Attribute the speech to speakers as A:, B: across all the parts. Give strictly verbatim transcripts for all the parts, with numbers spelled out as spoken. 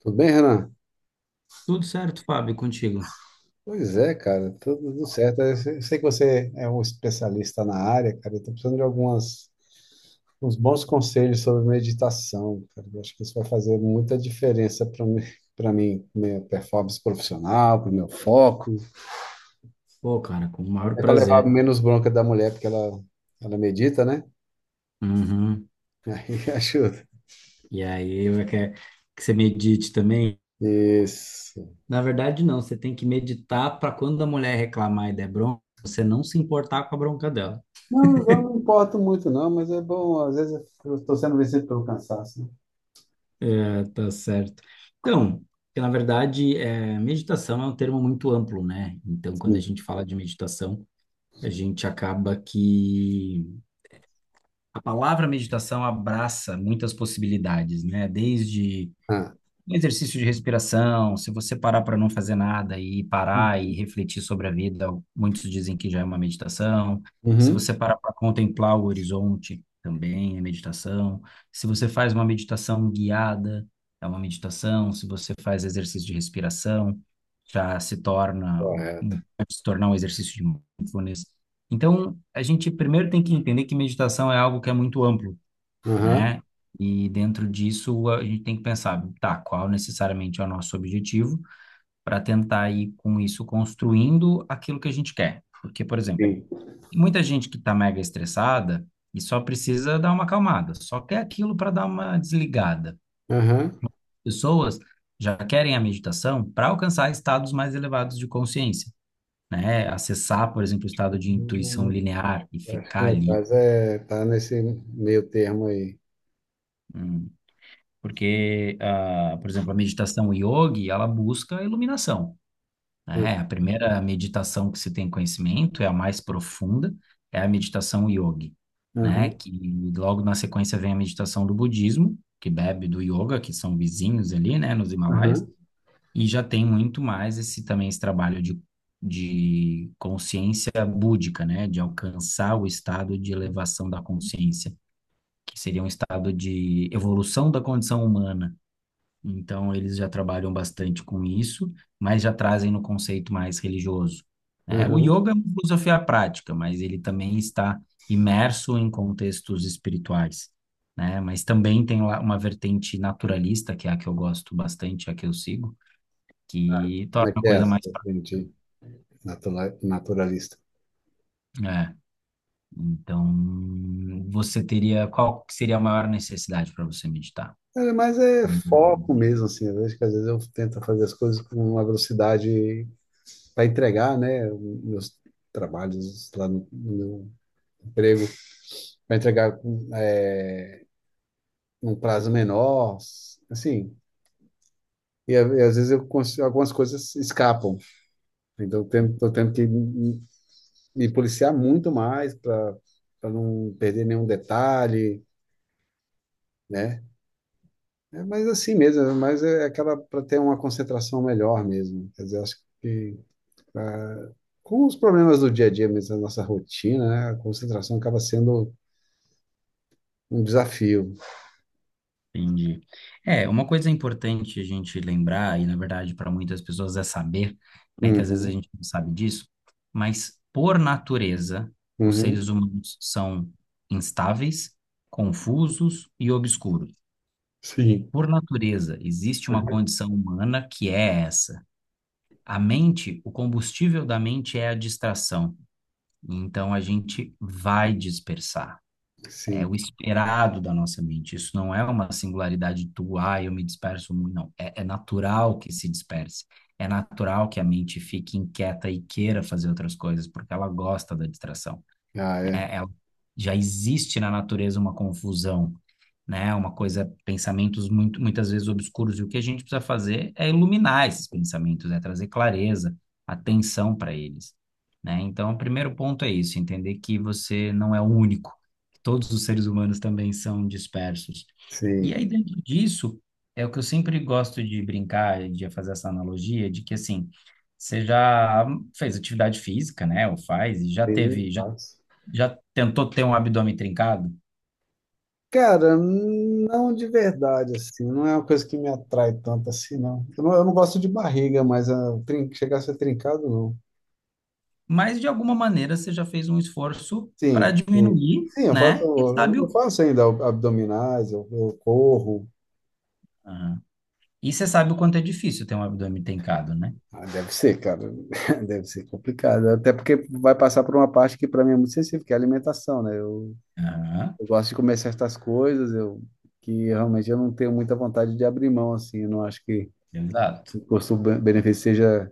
A: Tudo bem, Renan?
B: Tudo certo, Fábio, contigo?
A: Pois é, cara, tudo certo. Eu sei sei que você é um especialista na área, cara. Eu tô precisando de algumas, uns bons conselhos sobre meditação, cara. Eu acho que isso vai fazer muita diferença para mim, para mim, minha performance profissional, para o meu foco,
B: Pô, cara, com o maior
A: até para levar
B: prazer.
A: menos bronca da mulher, porque ela, ela medita, né?
B: Uhum.
A: Aí ajuda.
B: E aí, eu quero que você medite também.
A: Isso.
B: Na verdade, não, você tem que meditar para quando a mulher reclamar e der bronca, você não se importar com a bronca dela.
A: Não, eu não me importo muito, não, mas é bom. Às vezes eu estou sendo vencido pelo cansaço, né?
B: É, tá certo. Então, que na verdade, é, meditação é um termo muito amplo, né? Então, quando a
A: Sim.
B: gente fala de meditação, a gente acaba que a palavra meditação abraça muitas possibilidades, né? Desde
A: Ah.
B: Um exercício de respiração, se você parar para não fazer nada e parar e
A: Uhum.
B: refletir sobre a vida, muitos dizem que já é uma meditação. Se
A: Uhum.
B: você parar para contemplar o horizonte, também é meditação. Se você faz uma meditação guiada, é uma meditação. Se você faz exercício de respiração, já se torna um,
A: Correto.
B: um- pode se tornar um exercício de mindfulness. Então, a gente primeiro tem que entender que meditação é algo que é muito amplo,
A: Aham.
B: né? E dentro disso a gente tem que pensar, tá, qual necessariamente é o nosso objetivo para tentar ir com isso construindo aquilo que a gente quer. Porque, por exemplo,
A: Sim.
B: muita gente que está mega estressada e só precisa dar uma acalmada, só quer aquilo para dar uma desligada.
A: Aham.
B: Pessoas já querem a meditação para alcançar estados mais elevados de consciência, né? Acessar, por exemplo, o estado de intuição
A: Hum.
B: linear e
A: Acho que
B: ficar
A: meu
B: ali.
A: caso é tá nesse meio termo aí.
B: hum, Porque, ah, por exemplo, a meditação yogi, ela busca a iluminação,
A: Ah.
B: né? A primeira meditação que se tem conhecimento é a mais profunda, é a meditação yogi, né?
A: Aham,
B: Que logo na sequência vem a meditação do budismo, que bebe do yoga, que são vizinhos ali, né, nos Himalaias,
A: aham,
B: e já tem muito mais esse também esse trabalho de de consciência búdica, né, de alcançar o estado de elevação da consciência, que seria um estado de evolução da condição humana, então, eles já trabalham bastante com isso, mas já trazem no conceito mais religioso. Né? O
A: aham.
B: yoga é uma filosofia prática, mas ele também está imerso em contextos espirituais, né? Mas também tem lá uma vertente naturalista, que é a que eu gosto bastante, a que eu sigo, que torna
A: Como é
B: a
A: que é
B: coisa
A: essa,
B: mais prática.
A: gente, natura- naturalista?
B: É, então, você teria, qual que seria a maior necessidade para você meditar?
A: É, mas é
B: Hum.
A: foco mesmo, assim. Eu vejo que às vezes eu tento fazer as coisas com uma velocidade para entregar, né? Meus trabalhos lá no, no emprego, para entregar com, é, num prazo menor, assim. E, a- e às vezes eu, cons- algumas coisas escapam. Então, tendo, tô tendo que me policiar muito mais para para não perder nenhum detalhe, né? É, mas assim mesmo, é, mas é aquela para ter uma concentração melhor mesmo. Quer dizer, acho que ah, com os problemas do dia a dia mesmo, da nossa rotina, né? A concentração acaba sendo um desafio.
B: Entendi. É, uma coisa importante a gente lembrar, e na verdade para muitas pessoas é saber, né, que às vezes a
A: Uhum,
B: gente não sabe disso, mas por natureza, os
A: uhum.
B: seres humanos são instáveis, confusos e obscuros.
A: Sim.
B: Por natureza, existe uma condição humana que é essa. A mente, o combustível da mente é a distração. Então a gente vai dispersar. É o
A: Sim.
B: esperado da nossa mente. Isso não é uma singularidade tua, ah, eu me disperso muito, não. É, é natural que se disperse. É natural que a mente fique inquieta e queira fazer outras coisas, porque ela gosta da distração.
A: Ah,
B: Né?
A: é.
B: Ela- já existe na natureza uma confusão. Né? Uma coisa, pensamentos muito, muitas vezes obscuros, e o que a gente precisa fazer é iluminar esses pensamentos, é trazer clareza, atenção para eles, né? Então, o primeiro ponto é isso, entender que você não é o único, que todos os seres humanos também são dispersos. E
A: Sim.
B: aí, dentro disso, é o que eu sempre gosto de brincar, de fazer essa analogia, de que, assim, você já fez atividade física, né? Ou faz, e já
A: Sim,
B: teve, já,
A: faz.
B: já tentou ter um abdômen trincado?
A: Cara, não, de verdade, assim, não é uma coisa que me atrai tanto assim, não. Eu não, eu não gosto de barriga, mas ah, trin- chegar a ser trincado, não.
B: Mas de alguma maneira você já fez um esforço
A: Sim,
B: para
A: sim.
B: diminuir,
A: Sim, eu faço,
B: né? E
A: eu
B: sabe
A: eu
B: o...
A: faço ainda ab- abdominais, eu, eu corro.
B: Aham. E você sabe o quanto é difícil ter um abdômen trincado, né?
A: Ah, deve ser, cara, deve ser complicado. Até porque vai passar por uma parte que para mim é muito sensível, que é a alimentação, né? Eu,
B: Aham.
A: eu gosto de comer certas coisas, eu, que realmente eu não tenho muita vontade de abrir mão, assim, eu não acho que
B: Exato.
A: o custo-benefício seja.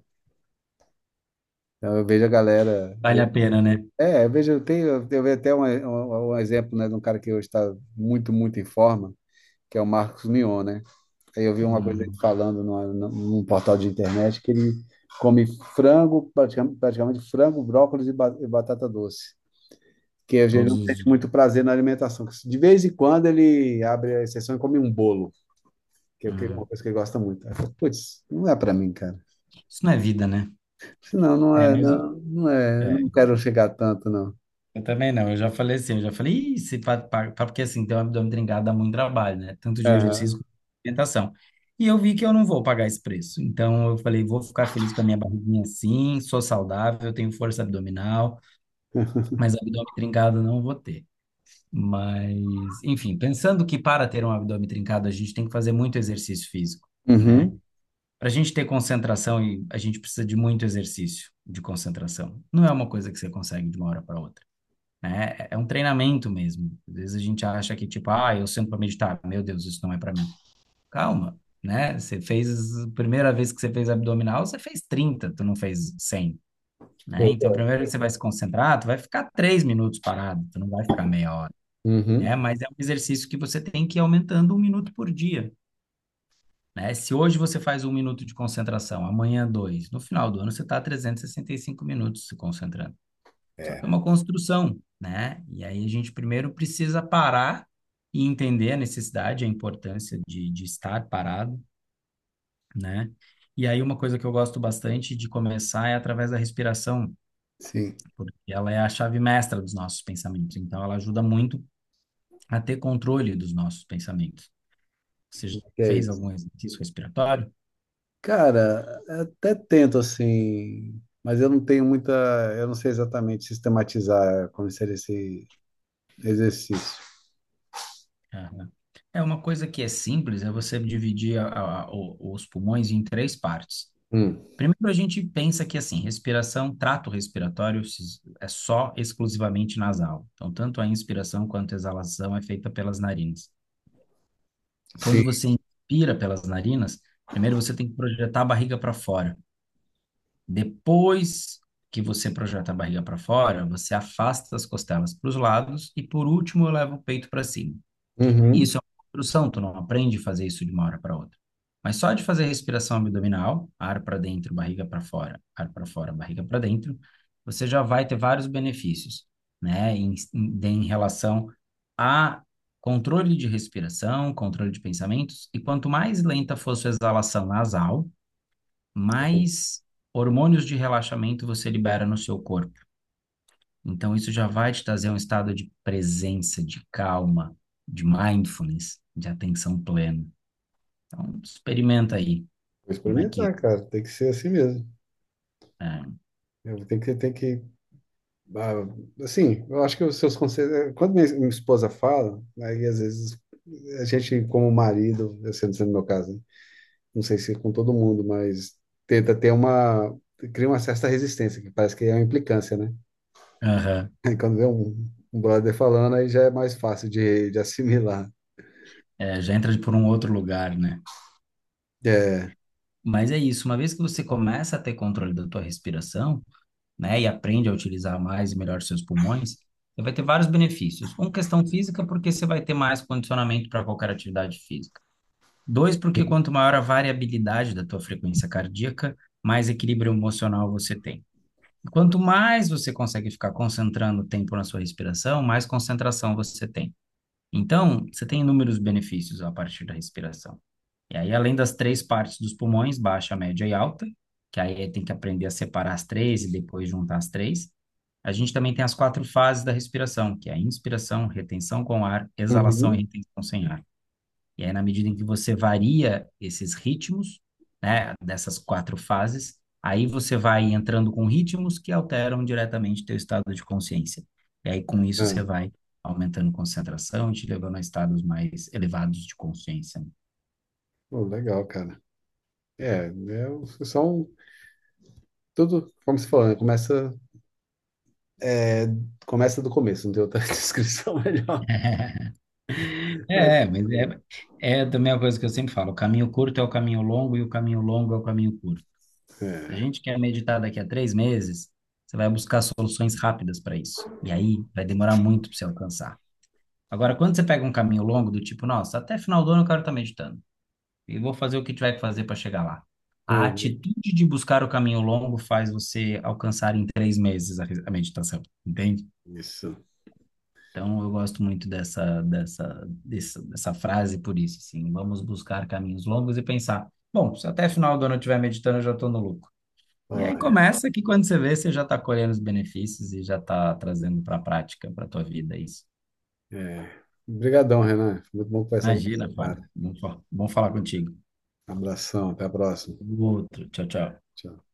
A: Então, eu vejo a galera.
B: Vale a pena, né?
A: É, eu vejo, eu tenho eu vejo até um, um, um exemplo, né, de um cara que hoje está muito, muito em forma, que é o Marcos Mion, né? Aí eu vi uma coisa ele
B: Uhum.
A: falando numa- num portal de internet que ele come frango, praticamente, praticamente frango, brócolis e, ba- e batata doce, que ele
B: Todos
A: não
B: os
A: sente
B: dias.
A: muito prazer na alimentação. De vez em quando ele abre a exceção e come um bolo, que é o que- uma
B: Uhum.
A: coisa que ele gosta muito. Aí eu falo, putz, não é para mim, cara.
B: Isso não é vida, né?
A: Senão, não
B: É,
A: é,
B: mas
A: não, não é,
B: é,
A: não quero chegar tanto, não.
B: eu também não. Eu já falei assim, eu já falei, "Ih, se pa- pa- pa-", porque assim, ter um abdômen trincado dá muito trabalho, né? Tanto de exercício
A: Aham.
B: quanto de alimentação. E eu vi que eu não vou pagar esse preço. Então eu falei, vou ficar feliz com a minha barriguinha assim, sou saudável, tenho força abdominal. Mas abdômen trincado não vou ter. Mas, enfim, pensando que para ter um abdômen trincado a gente tem que fazer muito exercício físico, né?
A: Uhum.
B: Para a gente ter concentração, e a gente precisa de muito exercício de concentração. Não é uma coisa que você consegue de uma hora para outra, né? É é um treinamento mesmo. Às vezes a gente acha que, tipo, ah, eu sento para meditar, meu Deus, isso não é para mim. Calma, né? Você fez, a primeira vez que você fez abdominal, você fez trinta, tu não fez cem, né?
A: Foi.
B: Então, primeiro que você vai se concentrar, tu vai ficar três minutos parado, tu não vai ficar meia hora, né?
A: Uhum.
B: Mas é um exercício que você tem que ir aumentando um minuto por dia, né? Se hoje você faz um minuto de concentração, amanhã dois, no final do ano você está trezentos e e sessenta e cinco minutos se concentrando. Só que é uma construção, né? E aí a gente primeiro precisa parar e entender a necessidade, a importância de, de estar parado, né? E aí uma coisa que eu gosto bastante de começar é através da respiração,
A: Sim.
B: porque ela é a chave mestra dos nossos pensamentos. Então, ela ajuda muito a ter controle dos nossos pensamentos. Você já
A: Que é
B: fez algum
A: isso?
B: exercício respiratório?
A: Cara, até tento assim, mas eu não tenho muita, eu não sei exatamente sistematizar como seria esse exercício.
B: Aham. É uma coisa que é simples, é você dividir a- a- o- os pulmões em três partes.
A: Hum.
B: Primeiro, a gente pensa que, assim, respiração, trato respiratório se- é só exclusivamente nasal. Então, tanto a inspiração quanto a exalação é feita pelas narinas. Quando
A: Sim.
B: você inspira pelas narinas, primeiro você tem que projetar a barriga para fora. Depois que você projeta a barriga para fora, você afasta as costelas para os lados e, por último, leva o peito para cima. E
A: Uhum.
B: isso é uma construção, tu não aprende a fazer isso de uma hora para outra. Mas só de fazer respiração abdominal, ar para dentro, barriga para fora, ar para fora, barriga para dentro, você já vai ter vários benefícios, né? Em, em, em relação a controle de respiração, controle de pensamentos, e quanto mais lenta for sua exalação nasal,
A: Vou
B: mais hormônios de relaxamento você libera no seu corpo. Então, isso já vai te trazer um estado de presença, de calma, de mindfulness, de atenção plena. Então, experimenta aí como é que.
A: experimentar, cara. Tem que ser assim mesmo.
B: É,
A: Eu tenho que, tem que, ah, assim, eu acho que os seus conselhos. É, quando minha, minha esposa fala, aí às vezes a gente, como marido, eu sendo sendo no meu caso, né? Não sei se é com todo mundo, mas tenta ter uma, cria uma certa resistência, que parece que é uma implicância, né?
B: aham.
A: Aí quando vê um, um brother falando, aí já é mais fácil de, de assimilar.
B: É, já entra por um outro lugar, né?
A: É.
B: Mas é isso, uma vez que você começa a ter controle da tua respiração, né, e aprende a utilizar mais e melhor seus pulmões, você vai ter vários benefícios. Um, questão física, porque você vai ter mais condicionamento para qualquer atividade física. Dois, porque quanto maior a variabilidade da tua frequência cardíaca, mais equilíbrio emocional você tem. E quanto mais você consegue ficar concentrando o tempo na sua respiração, mais concentração você tem. Então, você tem inúmeros benefícios a partir da respiração. E aí, além das três partes dos pulmões, baixa, média e alta, que aí tem que aprender a separar as três e depois juntar as três. A gente também tem as quatro fases da respiração, que é a inspiração, retenção com ar, exalação e
A: Uhum.
B: retenção sem ar. E aí, na medida em que você varia esses ritmos, né, dessas quatro fases, aí você vai entrando com ritmos que alteram diretamente teu estado de consciência. E aí, com isso,
A: Ah,
B: você vai aumentando concentração e te levando a estados mais elevados de consciência.
A: pô, legal, cara. É, é o- são tudo, como se falando, começa, é, começa do começo, não tem outra descrição melhor. Mas,
B: É, mas é, é também uma coisa que eu sempre falo: o caminho curto é o caminho longo e o caminho longo é o caminho curto. Se a
A: é,
B: gente quer meditar daqui a três meses, você vai buscar soluções rápidas para isso. E aí vai demorar muito para você alcançar. Agora, quando você pega um caminho longo do tipo, nossa, até final do ano eu quero estar meditando e vou fazer o que tiver que fazer para chegar lá. A
A: uhum,
B: atitude de buscar o caminho longo faz você alcançar em três meses a, a meditação, entende?
A: isso.
B: Então, eu gosto muito dessa, dessa, dessa, dessa frase por isso, assim, vamos buscar caminhos longos e pensar, bom, se até final do ano eu estiver meditando, eu já estou no lucro. E
A: Ó,
B: aí começa que quando você vê, você já está colhendo os benefícios e já está trazendo para a prática, para a tua vida isso.
A: é. Obrigadão, Renan. Foi muito bom conversar com
B: Imagina,
A: você,
B: Fábio.
A: cara.
B: Bom, fa- bom falar contigo.
A: Abração, até a próxima.
B: Outro. Tchau, tchau.
A: Tchau.